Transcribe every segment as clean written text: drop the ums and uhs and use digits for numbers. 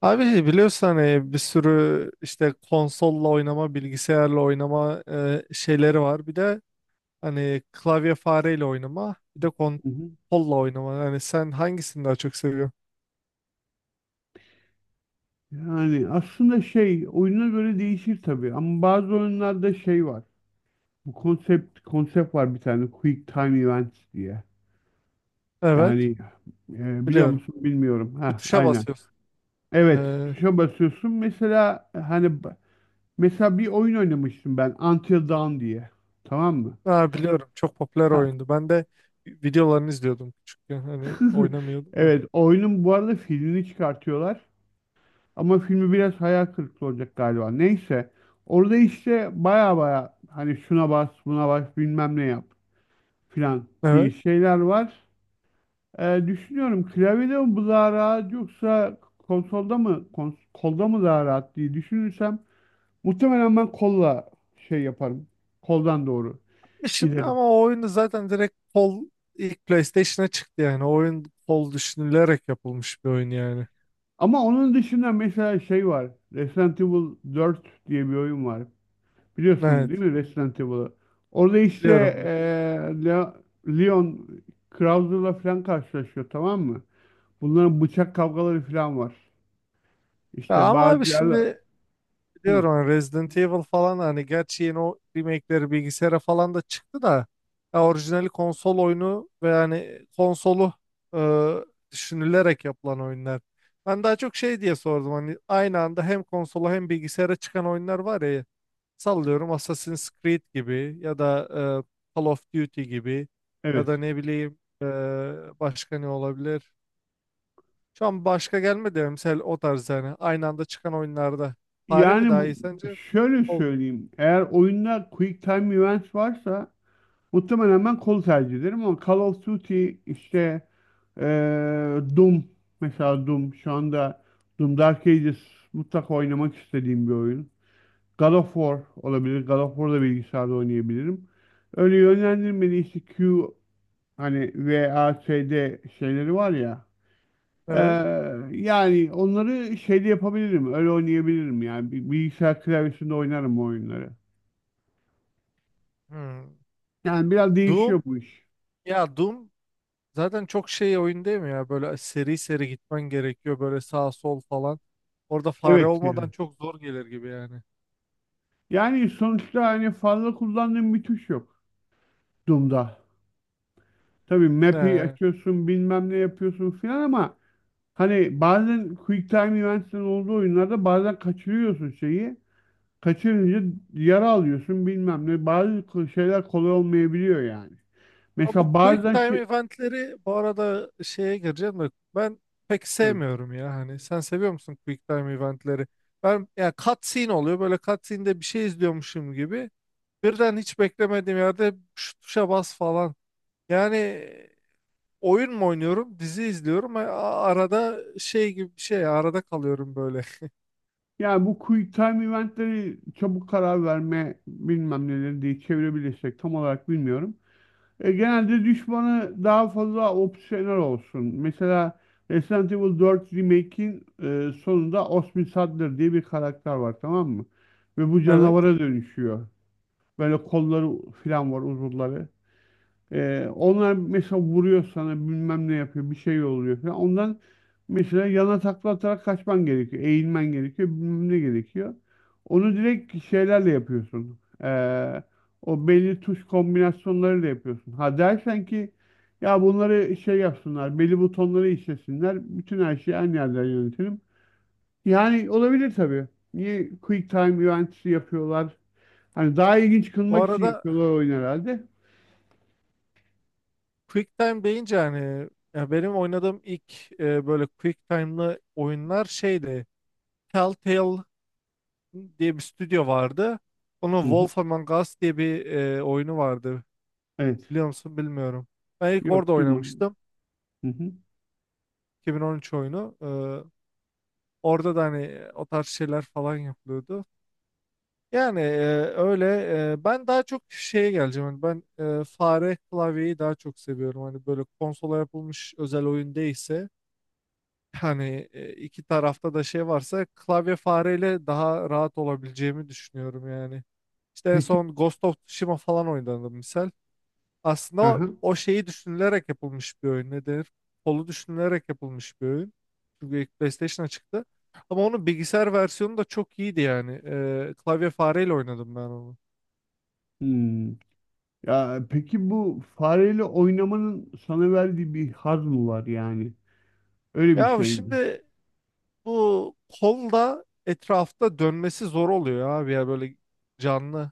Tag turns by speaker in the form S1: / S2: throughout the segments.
S1: Abi biliyorsun hani bir sürü işte konsolla oynama, bilgisayarla oynama şeyleri var. Bir de hani klavye fareyle oynama, bir de
S2: Hı hı.
S1: konsolla oynama. Yani sen hangisini daha çok seviyorsun?
S2: Yani aslında şey oyuna göre değişir tabii ama bazı oyunlarda şey var. Bu konsept var bir tane Quick Time Events diye.
S1: Evet,
S2: Yani biliyor
S1: biliyorum.
S2: musun bilmiyorum.
S1: Bir
S2: Ha
S1: tuşa
S2: aynen.
S1: basıyorsun.
S2: Evet,
S1: Ee,
S2: tuşa basıyorsun. Mesela hani mesela bir oyun oynamıştım ben Until Dawn diye. Tamam mı?
S1: ha, biliyorum. Çok popüler
S2: Ha.
S1: oyundu. Ben de videolarını izliyordum küçükken. Hani oynamıyordum da.
S2: Evet, oyunun bu arada filmini çıkartıyorlar. Ama filmi biraz hayal kırıklığı olacak galiba. Neyse. Orada işte baya baya hani şuna bas, buna bas, bilmem ne yap filan diye
S1: Evet.
S2: şeyler var. Düşünüyorum klavyede mi bu daha rahat yoksa konsolda mı kolda mı daha rahat diye düşünürsem muhtemelen ben kolla şey yaparım. Koldan doğru
S1: Şimdi
S2: giderim.
S1: ama o oyunu zaten direkt ilk PlayStation'a çıktı yani. O oyun kol düşünülerek yapılmış bir oyun yani.
S2: Ama onun dışında mesela şey var. Resident Evil 4 diye bir oyun var. Biliyorsun
S1: Evet.
S2: değil mi Resident Evil'ı? Orada işte
S1: Biliyorum, biliyorum.
S2: eee, Le- Leon Krauser'la falan karşılaşıyor tamam mı? Bunların bıçak kavgaları falan var.
S1: Ya
S2: İşte
S1: ama abi
S2: bazı yerler...
S1: şimdi
S2: Hı,
S1: biliyorum hani Resident Evil falan hani gerçi yeni o remake'leri bilgisayara falan da çıktı da ya orijinali konsol oyunu ve yani konsolu e, düşünülerek yapılan oyunlar. Ben daha çok şey diye sordum hani aynı anda hem konsola hem bilgisayara çıkan oyunlar var ya, sallıyorum Assassin's Creed gibi ya da Call of Duty gibi ya da
S2: evet.
S1: ne bileyim, başka ne olabilir? Şu an başka gelmedi ya mesela o tarz yani. Aynı anda çıkan oyunlarda. Fare mi
S2: Yani
S1: daha iyi
S2: bu,
S1: sence?
S2: şöyle
S1: Olmu?
S2: söyleyeyim. Eğer oyunda Quick Time Events varsa muhtemelen ben kol tercih ederim ama Call of Duty işte eee Doom mesela Doom şu anda Doom Dark Ages mutlaka oynamak istediğim bir oyun. God of War olabilir. God of War'da bilgisayarda oynayabilirim. Öyle yönlendirmeli işte hani VASD şeyleri var ya. Ee,
S1: Evet.
S2: Yani onları şeyde yapabilirim. Öyle oynayabilirim yani. Bilgisayar klavyesinde oynarım o oyunları.
S1: Hmm.
S2: Yani biraz değişiyor
S1: Doom.
S2: bu iş.
S1: Ya Doom zaten çok şey oyun değil mi ya? Böyle seri seri gitmen gerekiyor. Böyle sağ sol falan. Orada fare
S2: Evet yani.
S1: olmadan çok zor gelir gibi yani.
S2: Yani sonuçta hani fazla kullandığım bir tuş yok Doom'da. Tabii map'i
S1: Ne?
S2: açıyorsun bilmem ne yapıyorsun filan ama hani bazen QuickTime Events'in olduğu oyunlarda bazen kaçırıyorsun şeyi. Kaçırınca yara alıyorsun bilmem ne. Bazı şeyler kolay olmayabiliyor yani.
S1: Ama bu
S2: Mesela
S1: quick
S2: bazen
S1: time
S2: şey,
S1: eventleri bu arada şeye gireceğim de ben pek
S2: evet.
S1: sevmiyorum ya, hani sen seviyor musun quick time eventleri? Ben ya cutscene oluyor, böyle cutscene'de bir şey izliyormuşum gibi, birden hiç beklemediğim yerde şu tuşa bas falan. Yani oyun mu oynuyorum, dizi izliyorum. Arada şey gibi bir şey, arada kalıyorum böyle.
S2: Yani bu quick time eventleri çabuk karar verme bilmem neleri diye çevirebilirsek tam olarak bilmiyorum. Genelde düşmanı daha fazla opsiyonel olsun. Mesela Resident Evil 4 Remake'in sonunda Osmin Saddler diye bir karakter var tamam mı? Ve bu
S1: Evet.
S2: canavara dönüşüyor. Böyle kolları falan var uzuvları. Onlar mesela vuruyor sana bilmem ne yapıyor bir şey oluyor falan. Ondan mesela yana takla atarak kaçman gerekiyor. Eğilmen gerekiyor bilmem ne gerekiyor. Onu direkt şeylerle yapıyorsun. O belli tuş kombinasyonlarıyla yapıyorsun. Ha dersen ki ya bunları şey yapsınlar belli butonları işlesinler. Bütün her şeyi aynı yerden yönetelim. Yani olabilir tabii. Niye quick time eventsi yapıyorlar? Hani daha ilginç
S1: Bu
S2: kılmak için
S1: arada
S2: yapıyorlar oyun herhalde.
S1: Quick Time deyince hani ya benim oynadığım ilk böyle Quick Time'lı oyunlar şeydi. Telltale diye bir stüdyo vardı. Onun
S2: Hı hı.
S1: Wolf Among Us diye bir oyunu vardı.
S2: Evet.
S1: Biliyor musun? Bilmiyorum. Ben ilk orada
S2: Yok, duymadım.
S1: oynamıştım.
S2: Hı hı.
S1: 2013 oyunu. Orada da hani o tarz şeyler falan yapılıyordu. Yani öyle, ben daha çok şeye geleceğim. Hani ben fare klavyeyi daha çok seviyorum. Hani böyle konsola yapılmış özel oyun değilse hani iki tarafta da şey varsa klavye fareyle daha rahat olabileceğimi düşünüyorum yani. İşte en
S2: Peki,
S1: son Ghost of Tsushima falan oynadım misal. Aslında o,
S2: aha.
S1: o şeyi düşünülerek yapılmış bir oyun. Ne denir? Kolu düşünülerek yapılmış bir oyun. Çünkü ilk PlayStation'a çıktı. Ama onun bilgisayar versiyonu da çok iyiydi yani. Klavye fareyle oynadım ben onu.
S2: Hmm. Ya peki bu fareyle oynamanın sana verdiği bir haz mı var yani? Öyle bir
S1: Ya
S2: şey mi?
S1: şimdi bu kol da etrafta dönmesi zor oluyor abi ya, böyle canlı.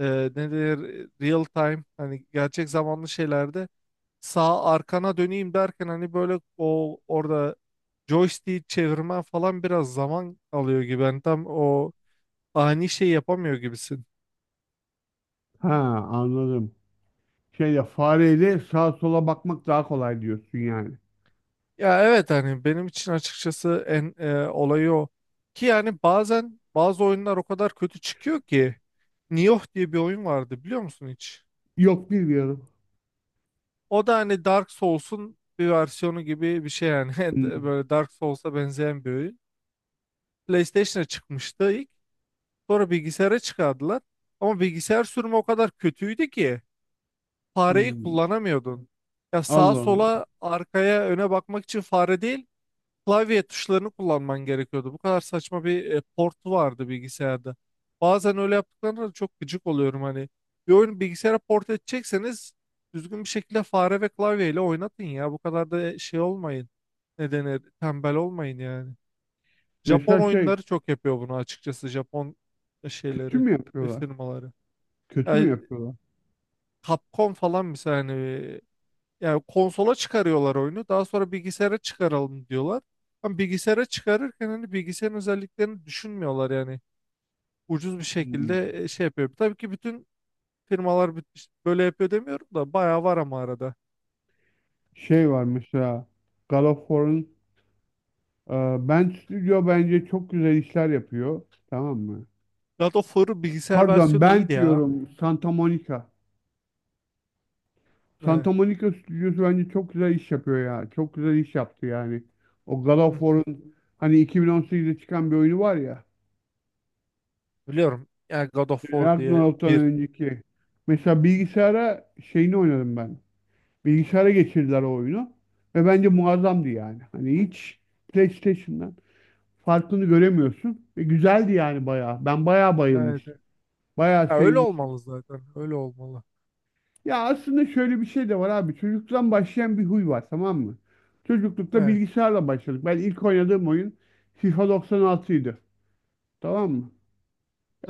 S1: Ee, ne denir? Real time hani, gerçek zamanlı şeylerde sağ arkana döneyim derken hani böyle o orada joystick çevirmen falan biraz zaman alıyor gibi. Hani tam o ani şey yapamıyor gibisin.
S2: Ha, anladım. Şeyle fareyle sağa sola bakmak daha kolay diyorsun yani.
S1: Ya evet, hani benim için açıkçası en olayı o. Ki yani bazen bazı oyunlar o kadar kötü çıkıyor ki, Nioh diye bir oyun vardı, biliyor musun hiç?
S2: Yok, bilmiyorum.
S1: O da hani Dark Souls'un bir versiyonu gibi bir şey yani.
S2: Hmm.
S1: Böyle Dark Souls'a benzeyen bir oyun. PlayStation'a çıkmıştı ilk. Sonra bilgisayara çıkardılar. Ama bilgisayar sürümü o kadar kötüydü ki fareyi
S2: Hmm.
S1: kullanamıyordun. Ya sağa
S2: Allah Allah.
S1: sola arkaya öne bakmak için fare değil, klavye tuşlarını kullanman gerekiyordu. Bu kadar saçma bir port vardı bilgisayarda. Bazen öyle yaptıklarında da çok gıcık oluyorum hani. Bir oyunu bilgisayara port edecekseniz düzgün bir şekilde fare ve klavyeyle oynatın ya. Bu kadar da şey olmayın. Ne denir? Tembel olmayın yani. Japon
S2: Mesela şey
S1: oyunları çok yapıyor bunu açıkçası. Japon
S2: kötü
S1: şeyleri,
S2: mü yapıyorlar?
S1: firmaları.
S2: Kötü mü
S1: Yani
S2: yapıyorlar?
S1: Capcom falan mesela hani, yani konsola çıkarıyorlar oyunu. Daha sonra bilgisayara çıkaralım diyorlar. Ama bilgisayara çıkarırken hani bilgisayarın özelliklerini düşünmüyorlar yani. Ucuz bir
S2: Hmm.
S1: şekilde şey yapıyor. Tabii ki bütün firmalar işte böyle yapıyor demiyorum da bayağı var ama arada.
S2: Şey var mesela Galofor'un e, Bent Studio bence çok güzel işler yapıyor. Tamam mı?
S1: God of War'ın bilgisayar
S2: Pardon
S1: versiyonu iyiydi
S2: Bent
S1: ya.
S2: diyorum Santa Monica.
S1: Evet.
S2: Santa Monica stüdyosu bence çok güzel iş yapıyor ya. Çok güzel iş yaptı yani. O
S1: Hı hı.
S2: Galofor'un hani 2018'de çıkan bir oyunu var ya.
S1: Biliyorum. Yani God of War diye
S2: Ragnarok'tan
S1: bir.
S2: önceki. Mesela bilgisayara şeyini oynadım ben. Bilgisayara geçirdiler o oyunu. Ve bence muazzamdı yani. Hani hiç PlayStation'dan. Farkını göremiyorsun. Ve güzeldi yani bayağı. Ben bayağı
S1: Evet.
S2: bayılmıştım.
S1: Evet.
S2: Bayağı
S1: Ya öyle
S2: sevmiştim.
S1: olmalı zaten. Öyle olmalı.
S2: Ya aslında şöyle bir şey de var abi. Çocukluktan başlayan bir huy var tamam mı? Çocuklukta
S1: Evet,
S2: bilgisayarla başladık. Ben ilk oynadığım oyun FIFA 96 idi. Tamam mı?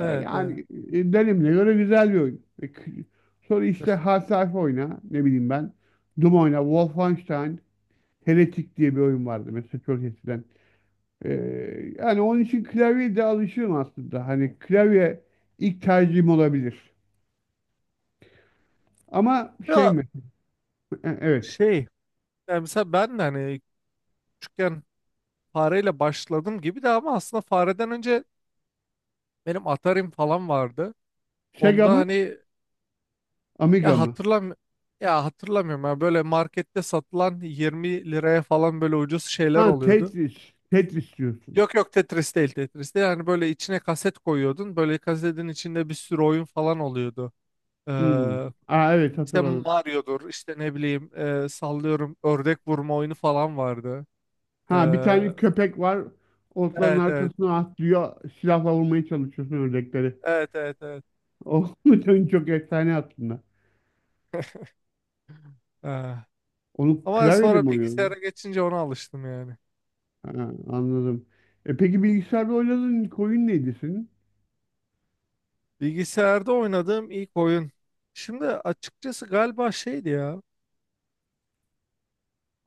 S1: evet.
S2: Yani dönemine göre güzel bir oyun. Sonra işte Half-Life oyna. Ne bileyim ben. Doom oyna. Wolfenstein. Heretic diye bir oyun vardı mesela çok eskiden. Ee, Yani onun için klavyeye de alışığım aslında. Hani klavye ilk tercihim olabilir. Ama şey
S1: Ya
S2: mi? Evet.
S1: şey, yani mesela ben de hani küçükken fareyle başladım gibi de, ama aslında fareden önce benim Atari'm falan vardı.
S2: Sega
S1: Onda
S2: mı?
S1: hani
S2: Amiga
S1: ya
S2: mı?
S1: hatırlam ya hatırlamıyorum ya, böyle markette satılan 20 liraya falan böyle ucuz şeyler
S2: Ha,
S1: oluyordu.
S2: Tetris. Tetris diyorsun.
S1: Yok yok, Tetris değil, Tetris değil. Yani böyle içine kaset koyuyordun. Böyle kasetin içinde bir sürü oyun falan oluyordu.
S2: Hmm.
S1: Ee,
S2: Aa, evet
S1: işte
S2: hatırladım.
S1: Mario'dur, işte ne bileyim, sallıyorum ördek vurma oyunu falan vardı.
S2: Ha, bir tane köpek var. Otların
S1: Evet, evet.
S2: arkasına atlıyor. Silahla vurmaya çalışıyorsun ördekleri.
S1: Evet, evet, evet.
S2: O oyun çok efsane aslında.
S1: Ah.
S2: Onu
S1: Ama
S2: klavyeyle
S1: sonra
S2: mi oynuyordun?
S1: bilgisayara geçince ona alıştım yani.
S2: Ha, anladım. E peki bilgisayarda oynadığın ilk oyun neydi senin?
S1: Bilgisayarda oynadığım ilk oyun. Şimdi açıkçası galiba şeydi ya.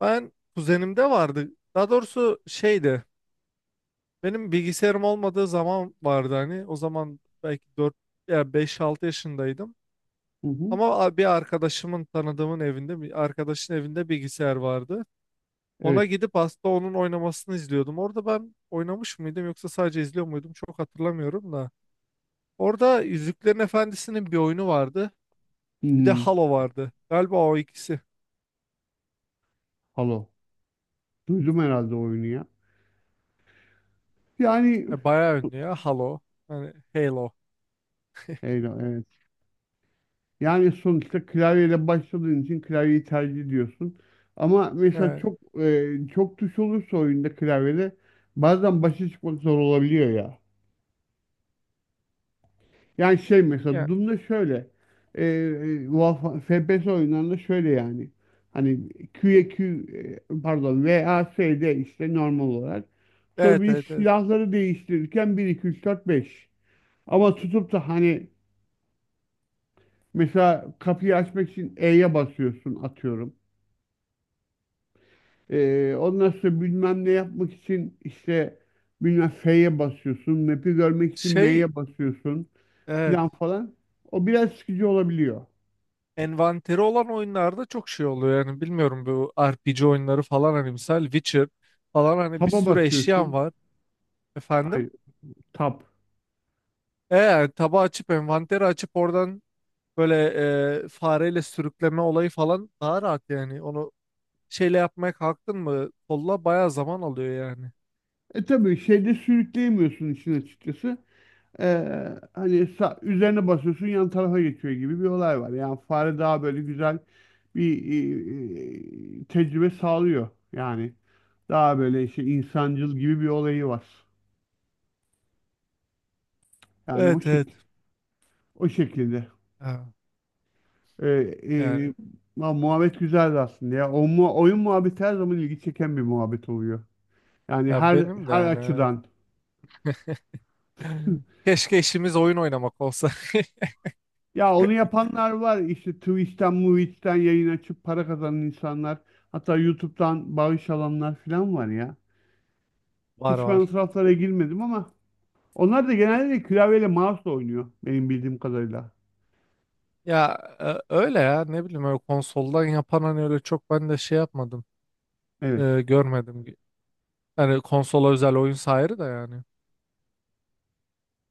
S1: Ben kuzenimde vardı. Daha doğrusu şeydi. Benim bilgisayarım olmadığı zaman vardı hani. O zaman belki 4 ya beş altı yaşındaydım.
S2: Hı hı.
S1: Ama bir arkadaşımın, tanıdığımın evinde, bir arkadaşın evinde bilgisayar vardı. Ona
S2: Evet.
S1: gidip aslında onun oynamasını izliyordum. Orada ben oynamış mıydım yoksa sadece izliyor muydum, çok hatırlamıyorum da. Orada Yüzüklerin Efendisi'nin bir oyunu vardı.
S2: Hı
S1: Bir de
S2: hı.
S1: Halo vardı. Galiba o ikisi.
S2: Halo. Duydum herhalde oyunu ya. Yani
S1: Bayağı ünlü ya Halo. Hani Halo.
S2: eyvah, evet. Yani sonuçta klavyeyle başladığın için klavyeyi tercih ediyorsun. Ama mesela
S1: Yani,
S2: çok tuş olursa oyunda klavyede bazen başa çıkmak zor olabiliyor ya. Yani şey mesela
S1: ya-
S2: Doom'da şöyle FPS oyunlarında şöyle yani. Hani pardon VASD işte normal olarak. Sonra
S1: Evet,
S2: bir
S1: evet, evet.
S2: silahları değiştirirken bir 2 3 4 beş. Ama tutup da hani. Mesela kapıyı açmak için E'ye basıyorsun atıyorum. Ondan sonra bilmem ne yapmak için işte bilmem F'ye basıyorsun. Map'i görmek için
S1: Şey,
S2: M'ye basıyorsun
S1: evet.
S2: filan falan. O biraz sıkıcı olabiliyor.
S1: Envanteri olan oyunlarda çok şey oluyor yani, bilmiyorum, bu RPG oyunları falan hani misal Witcher falan, hani bir
S2: Tab'a
S1: sürü eşyan
S2: basıyorsun.
S1: var efendim.
S2: Aynen tab.
S1: Yani tabağı açıp envanteri açıp oradan böyle fareyle sürükleme olayı falan daha rahat yani, onu şeyle yapmaya kalktın mı kolla bayağı zaman alıyor yani.
S2: E tabii şeyde sürükleyemiyorsun işin açıkçası. Ee, hani üzerine basıyorsun yan tarafa geçiyor gibi bir olay var. Yani fare daha böyle güzel bir tecrübe sağlıyor yani. Daha böyle işte insancıl gibi bir olayı var. Yani
S1: Evet, evet.
S2: o şekilde.
S1: Ha,
S2: Ee, e,
S1: yani
S2: lan muhabbet güzeldi aslında ya. O mu oyun muhabbeti her zaman ilgi çeken bir muhabbet oluyor. Yani
S1: ya
S2: her
S1: benim de
S2: her
S1: yani, evet.
S2: açıdan.
S1: Keşke işimiz oyun oynamak olsa.
S2: Ya onu yapanlar var. İşte Twitch'ten, Movie'den yayın açıp para kazanan insanlar. Hatta YouTube'dan bağış alanlar falan var ya.
S1: Var,
S2: Hiç ben o
S1: var.
S2: taraflara girmedim ama onlar da genelde klavyeyle mouse'la oynuyor benim bildiğim kadarıyla.
S1: Ya öyle ya, ne bileyim, öyle konsoldan yapan hani öyle çok ben de şey yapmadım.
S2: Evet.
S1: Görmedim. Hani konsola özel oyun ayrı da yani.